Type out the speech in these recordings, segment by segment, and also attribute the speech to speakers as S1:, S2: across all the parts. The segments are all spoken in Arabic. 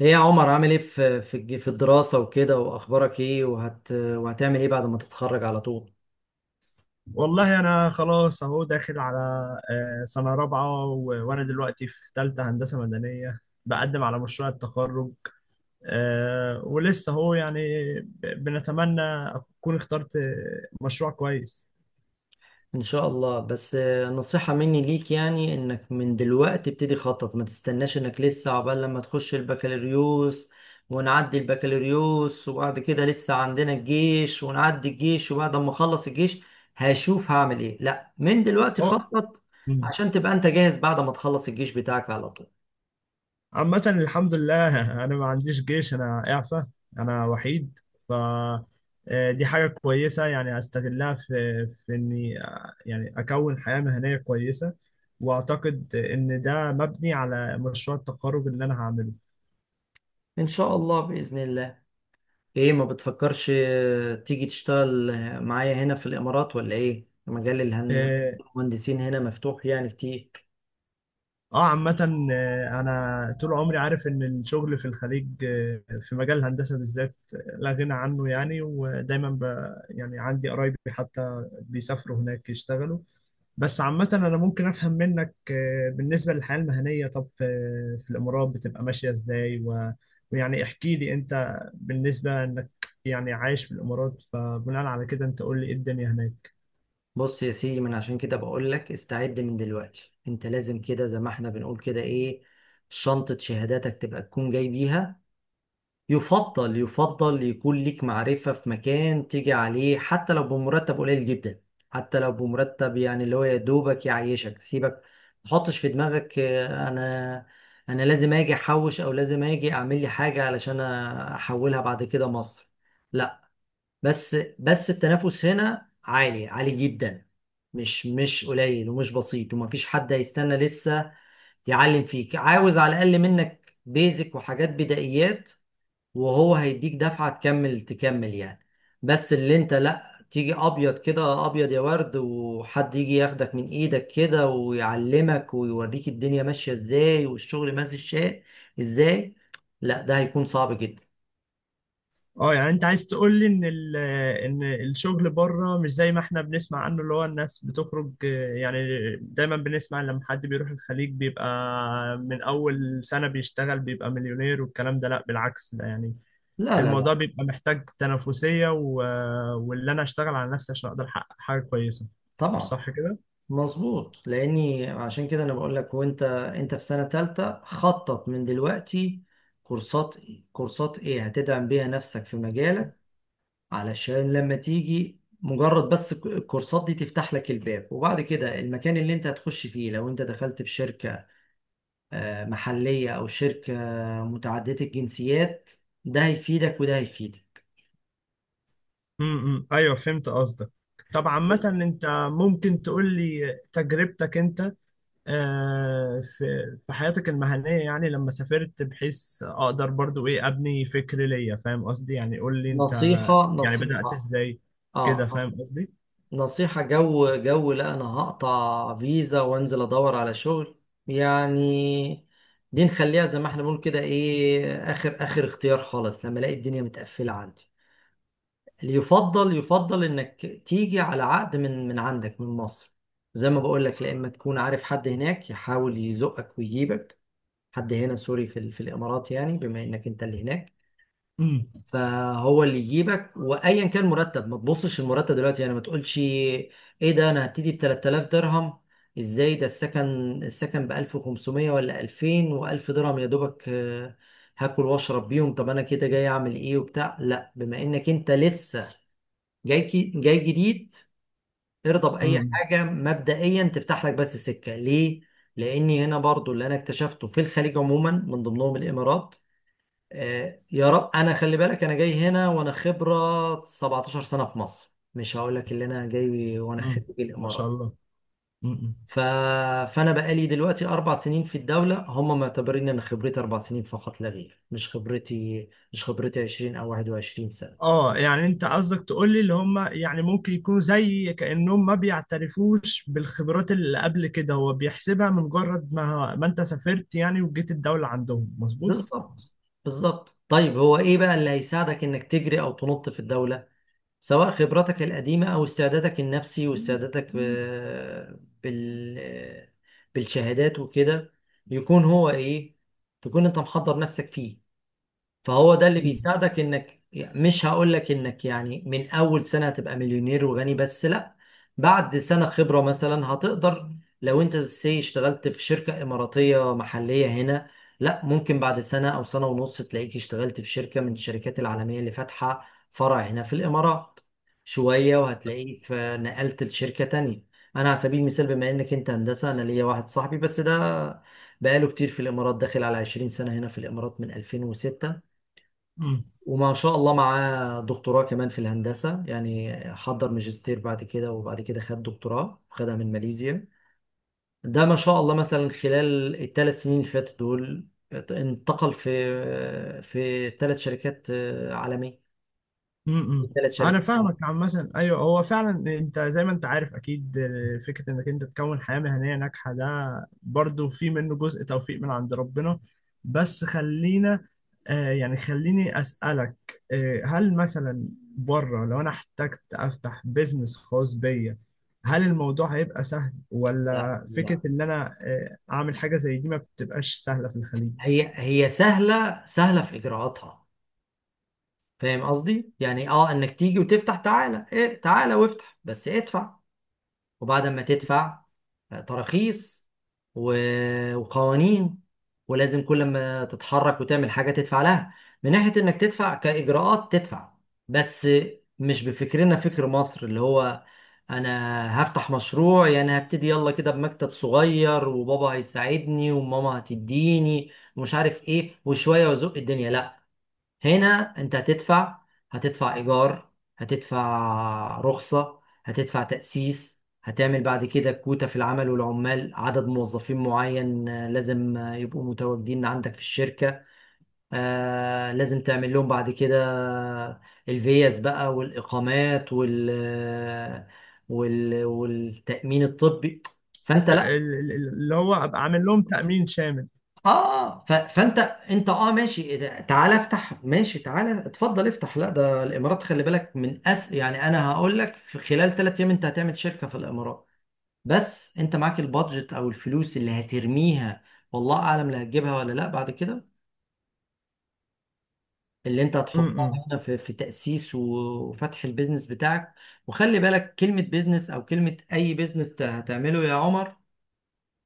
S1: ايه يا عمر، عامل ايه في في الدراسة وكده؟ واخبارك ايه؟ وهتعمل ايه بعد ما تتخرج على طول؟
S2: والله انا خلاص اهو داخل على سنه رابعه وانا دلوقتي في ثالثه هندسه مدنيه. بقدم على مشروع التخرج. ولسه اهو يعني بنتمنى اكون اخترت مشروع كويس.
S1: ان شاء الله. بس نصيحة مني ليك، يعني انك من دلوقتي ابتدي خطط. ما تستناش انك لسه عقبال لما تخش البكالوريوس ونعدي البكالوريوس، وبعد كده لسه عندنا الجيش، ونعدي الجيش، وبعد ما اخلص الجيش هشوف هعمل ايه. لا، من دلوقتي
S2: هو
S1: خطط عشان تبقى انت جاهز بعد ما تخلص الجيش بتاعك على طول.
S2: عامة الحمد لله أنا ما عنديش جيش، أنا إعفى. أنا وحيد. ف دي حاجة كويسة يعني أستغلها في إني يعني أكون حياة مهنية كويسة. وأعتقد إن ده مبني على مشروع التخرج اللي أنا هعمله.
S1: ان شاء الله باذن الله. ايه، ما بتفكرش تيجي تشتغل معايا هنا في الامارات ولا ايه؟ مجال
S2: آه
S1: المهندسين هنا مفتوح يعني كتير.
S2: آه، عامة، أنا طول عمري عارف إن الشغل في الخليج، في مجال الهندسة بالذات، لا غنى عنه يعني، ودايما ب. يعني عندي قرايبي حتى بيسافروا هناك يشتغلوا. بس عامة أنا ممكن أفهم منك، بالنسبة للحياة المهنية. طب في الإمارات بتبقى ماشية إزاي ويعني احكي لي أنت بالنسبة إنك يعني عايش في الإمارات، فبناء على كده أنت قول لي إيه الدنيا هناك.
S1: بص يا سيدي، من عشان كده بقول لك استعد من دلوقتي. انت لازم كده زي ما احنا بنقول كده ايه، شنطة شهاداتك تبقى تكون جاي بيها. يفضل يكون ليك معرفة في مكان تيجي عليه، حتى لو بمرتب قليل جدا، حتى لو بمرتب يعني اللي هو يا دوبك يعيشك، سيبك ما تحطش في دماغك انا لازم اجي احوش، او لازم اجي اعمل لي حاجة علشان احولها بعد كده مصر. لا. بس التنافس هنا عالي عالي جدا. مش قليل ومش بسيط، ومفيش حد هيستنى لسه يعلم فيك. عاوز على الاقل منك بيزك وحاجات بدائيات، وهو هيديك دفعة تكمل تكمل يعني. بس اللي انت لا تيجي ابيض كده ابيض يا ورد، وحد يجي ياخدك من ايدك كده ويعلمك ويوريك الدنيا ماشية ازاي والشغل ماشي الشيء ازاي، لا ده هيكون صعب جدا.
S2: أه يعني أنت عايز تقول لي إن إن الشغل بره مش زي ما إحنا بنسمع عنه، اللي هو الناس بتخرج، يعني دايما بنسمع لما حد بيروح الخليج بيبقى من أول سنة بيشتغل بيبقى مليونير والكلام ده. لأ بالعكس، ده يعني
S1: لا لا
S2: الموضوع
S1: لا.
S2: بيبقى محتاج تنافسية، و واللي أنا أشتغل على نفسي عشان أقدر أحقق حاجة كويسة. مش
S1: طبعا.
S2: صح كده؟
S1: مظبوط. لاني عشان كده انا بقول لك. وانت انت في سنة تالتة، خطط من دلوقتي كورسات. كورسات ايه هتدعم بيها نفسك في مجالك، علشان لما تيجي مجرد بس الكورسات دي تفتح لك الباب، وبعد كده المكان اللي انت هتخش فيه، لو انت دخلت في شركة محلية او شركة متعددة الجنسيات، ده هيفيدك وده هيفيدك.
S2: أيوه فهمت قصدك. طب عامة أنت ممكن تقول لي تجربتك أنت، آه، في في حياتك المهنية، يعني لما سافرت بحيث أقدر برضو إيه أبني فكر ليا، فاهم قصدي؟ يعني قول لي أنت
S1: نصيحة
S2: يعني بدأت
S1: نصيحة.
S2: إزاي، كده
S1: اه نص-
S2: فاهم قصدي؟
S1: نصيحة جو جو، لا انا هقطع فيزا وانزل ادور على شغل يعني، دي نخليها زي ما احنا بنقول كده ايه، اخر اخر اختيار خالص لما الاقي الدنيا متقفلة عندي. اللي يفضل يفضل انك تيجي على عقد من عندك من مصر. زي ما بقول لك، لا اما تكون عارف حد هناك يحاول يزقك ويجيبك، حد هنا، سوري، في الامارات، يعني بما انك انت اللي هناك،
S2: امم.
S1: فهو اللي يجيبك. وايا كان مرتب، ما تبصش المرتب دلوقتي، يعني ما تقولش ايه ده، انا هبتدي ب 3000 درهم، ازاي ده؟ السكن السكن ب 1500 ولا 2000 و1000 درهم يا دوبك هاكل واشرب بيهم. طب انا كده جاي اعمل ايه وبتاع؟ لا، بما انك انت لسه جاي، جاي جديد، ارضى بأي
S2: امم.
S1: حاجة مبدئيا تفتح لك بس سكة ليه؟ لأني هنا برضو اللي أنا اكتشفته في الخليج عموما، من ضمنهم الإمارات. آه يا رب، أنا خلي بالك، أنا جاي هنا وأنا خبرة 17 سنة في مصر، مش هقول لك اللي أنا جاي وأنا
S2: امم.
S1: خريج
S2: ما شاء
S1: الإمارات.
S2: الله. امم.
S1: ف... فأنا بقالي دلوقتي أربع سنين في الدولة، هم معتبرين إن خبرتي أربع سنين فقط لا غير، مش خبرتي 20 أو 21 سنة.
S2: اه يعني انت قصدك تقول لي اللي هم يعني ممكن يكونوا زي كأنهم ما بيعترفوش بالخبرات اللي قبل كده، هو بيحسبها من مجرد ما انت سافرت يعني وجيت الدولة، عندهم مظبوط؟
S1: بالظبط. بالظبط. طيب هو ايه بقى اللي هيساعدك انك تجري او تنط في الدولة؟ سواء خبرتك القديمة او استعدادك النفسي واستعدادك بالشهادات وكده، يكون هو ايه، تكون انت محضر نفسك فيه. فهو ده اللي بيساعدك، انك مش هقول لك انك يعني من اول سنة هتبقى مليونير وغني، بس لا، بعد سنة خبرة مثلا هتقدر. لو انت سي اشتغلت في شركة اماراتية محلية هنا، لا ممكن بعد سنة او سنة ونص تلاقيك اشتغلت في شركة من الشركات العالمية اللي فاتحة فرع هنا في الامارات. شوية وهتلاقيك نقلت لشركة تانية. انا على سبيل المثال بما انك انت هندسة، انا ليا واحد صاحبي بس ده بقاله كتير في الامارات، داخل على 20 سنة هنا في الامارات، من 2006.
S2: امم.
S1: وما شاء الله معاه دكتوراه كمان في الهندسة، يعني حضر ماجستير بعد كده، وبعد كده خد دكتوراه، خدها من ماليزيا. ده ما شاء الله مثلا خلال الثلاث سنين اللي فاتت دول، انتقل في ثلاث شركات عالمية.
S2: امم.
S1: ثلاث
S2: انا
S1: شركات عالمية.
S2: فاهمك عامة، ايوه هو فعلا. انت زي ما انت عارف اكيد، فكرة انك انت تكون حياة مهنية ناجحة ده برضو في منه جزء توفيق من عند ربنا. بس خلينا آه، يعني خليني اسألك، هل مثلا بره لو انا احتجت افتح بيزنس خاص بيا، هل الموضوع هيبقى سهل،
S1: لا
S2: ولا
S1: لا.
S2: فكرة ان انا اعمل حاجة زي دي ما بتبقاش سهلة في الخليج؟
S1: هي سهلة، سهلة في إجراءاتها. فاهم قصدي؟ يعني اه انك تيجي وتفتح، تعالى ايه تعالى وافتح بس ادفع. وبعد ما تدفع تراخيص وقوانين، ولازم كل ما تتحرك وتعمل حاجة تدفع لها. من ناحية انك تدفع كإجراءات تدفع، بس مش بفكرنا فكر مصر اللي هو انا هفتح مشروع يعني هبتدي يلا كده بمكتب صغير وبابا هيساعدني وماما هتديني ومش عارف ايه، وشوية وزق الدنيا. لا. هنا انت هتدفع، هتدفع ايجار، هتدفع رخصة، هتدفع تأسيس، هتعمل بعد كده كوتا في العمل والعمال، عدد موظفين معين لازم يبقوا متواجدين عندك في الشركة. آه لازم تعمل لهم بعد كده آه، الفيز بقى والإقامات والتأمين الطبي. فأنت لا،
S2: اللي هو ابقى عامل لهم تأمين شامل.
S1: اه فانت اه ماشي، إيه ده؟ تعالى افتح، ماشي تعالى اتفضل افتح. لا ده الامارات، خلي بالك، من أس يعني انا هقول لك في خلال ثلاث ايام انت هتعمل شركه في الامارات. بس انت معاك البادجت او الفلوس اللي هترميها، والله اعلم لا هتجيبها ولا لا بعد كده. اللي انت هتحطها
S2: امم
S1: هنا في تاسيس وفتح البيزنس بتاعك. وخلي بالك كلمه بيزنس او كلمه اي بيزنس هتعمله يا عمر،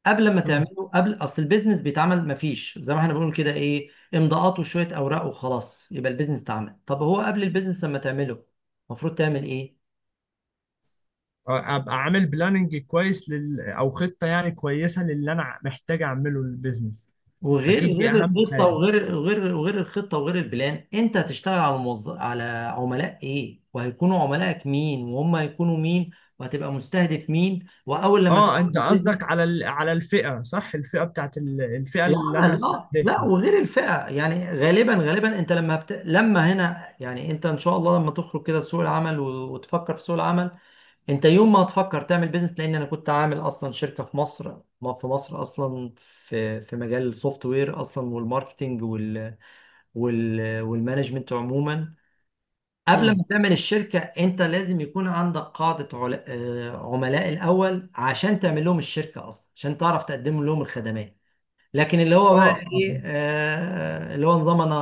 S1: قبل ما تعمله قبل اصل البيزنس بيتعمل، مفيش زي ما احنا بنقول كده ايه امضاءات وشويه اوراق وخلاص يبقى البيزنس اتعمل. طب هو قبل البيزنس لما تعمله، المفروض تعمل ايه؟
S2: ابقى عامل بلاننج كويس او خطه يعني كويسه للي انا محتاج اعمله للبيزنس.
S1: وغير
S2: اكيد دي
S1: غير
S2: اهم
S1: الخطه،
S2: حاجه.
S1: وغير غير وغير الخطه وغير البلان. انت هتشتغل على على عملاء ايه، وهيكونوا عملائك مين وهم هيكونوا مين، وهتبقى مستهدف مين، واول لما
S2: اه
S1: تفتح
S2: انت قصدك
S1: البيزنس
S2: على على الفئه صح؟ الفئه بتاعت الفئه اللي انا
S1: العمل. اه، لا
S2: هستهدفها.
S1: وغير الفئة. يعني غالبا غالبا انت لما لما هنا يعني انت ان شاء الله لما تخرج كده سوق العمل وتفكر في سوق العمل، انت يوم ما هتفكر تعمل بيزنس. لان انا كنت عامل اصلا شركة في مصر، ما في مصر اصلا في مجال السوفت وير اصلا، والماركتينج والمانجمنت عموما. قبل ما
S2: امم.
S1: تعمل الشركة انت لازم يكون عندك قاعدة عل... آه، عملاء الاول عشان تعمل لهم الشركة اصلا، عشان تعرف تقدم لهم الخدمات. لكن اللي هو بقى
S2: اه. آه.
S1: ايه، آه اللي هو نظام انا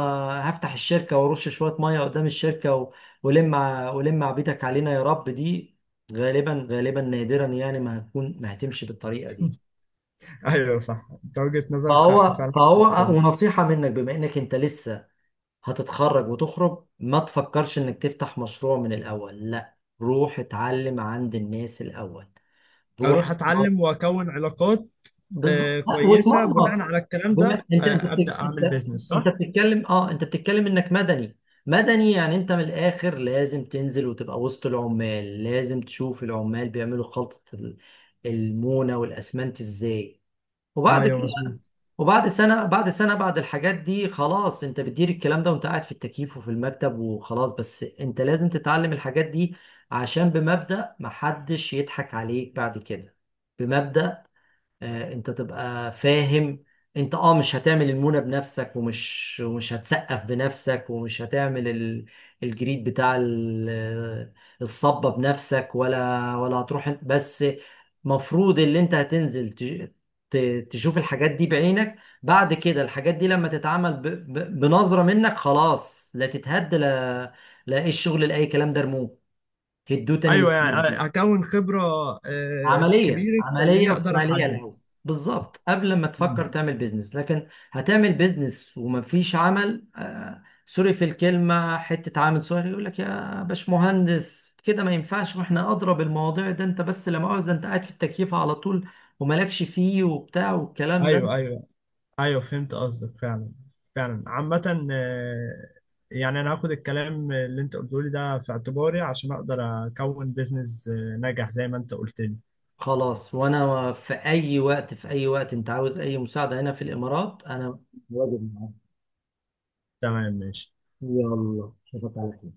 S1: هفتح الشركه وارش شويه ميه قدام الشركه ولم عبيدك علينا يا رب، دي غالبا غالبا نادرا يعني ما هتكون، ما هتمشي بالطريقه دي.
S2: ايوه صح، انت وجهه نظرك صح
S1: فهو
S2: فعلا في
S1: فهو
S2: النقطة دي.
S1: ونصيحه منك، بما انك انت لسه هتتخرج وتخرج، ما تفكرش انك تفتح مشروع من الاول. لا، روح اتعلم عند الناس الاول. روح.
S2: اروح اتعلم واكون علاقات. آه
S1: بالظبط. لا،
S2: كويسه. بناء
S1: وتمرمط.
S2: على الكلام ده ابدا اعمل
S1: انت
S2: بيزنس
S1: انت
S2: صح.
S1: بتتكلم اه، انت بتتكلم انك مدني. مدني يعني انت من الاخر لازم تنزل وتبقى وسط العمال. لازم تشوف العمال بيعملوا خلطة المونة والاسمنت ازاي، وبعد
S2: ايوه
S1: كده.
S2: مظبوط.
S1: وبعد سنة، بعد سنة بعد الحاجات دي خلاص انت بتدير الكلام ده وانت قاعد في التكييف وفي المكتب. وخلاص بس انت لازم تتعلم الحاجات دي عشان بمبدأ محدش يضحك عليك بعد كده. بمبدأ انت تبقى فاهم، انت اه مش هتعمل المونة بنفسك، ومش هتسقف بنفسك، ومش هتعمل الجريد بتاع الصبة بنفسك، ولا هتروح بس. مفروض اللي انت هتنزل تشوف الحاجات دي بعينك، بعد كده الحاجات دي لما تتعمل بنظرة منك خلاص. لا تتهد لا، لا ايه الشغل لأي كلام ده رموه، هدوه تاني
S2: ايوه يعني
S1: من
S2: اكون خبره
S1: عملية،
S2: كبيره
S1: عملية
S2: تخليني اقدر
S1: وفعالية
S2: احدد.
S1: الأول. بالظبط، قبل ما تفكر
S2: مم.
S1: تعمل بيزنس. لكن هتعمل بيزنس ومفيش عمل، آه سوري في الكلمة، حتة عامل صغير يقول لك يا باشمهندس كده ما ينفعش، واحنا أدرى بالمواضيع ده، أنت بس لا مؤاخذة أنت قاعد في التكييف على طول ومالكش فيه وبتاع والكلام ده.
S2: ايوه، ايوه، ايوه، فهمت قصدك فعلا. فعلا عامة، يعني انا هاخد الكلام اللي انت قلته لي ده في اعتباري عشان اقدر اكون بيزنس ناجح زي ما انت قلت لي.
S1: خلاص، وأنا في أي وقت، في أي وقت أنت عاوز أي مساعدة هنا في الإمارات، أنا واجب معاك.
S2: تمام ماشي.
S1: يلا، أشوفك على خير.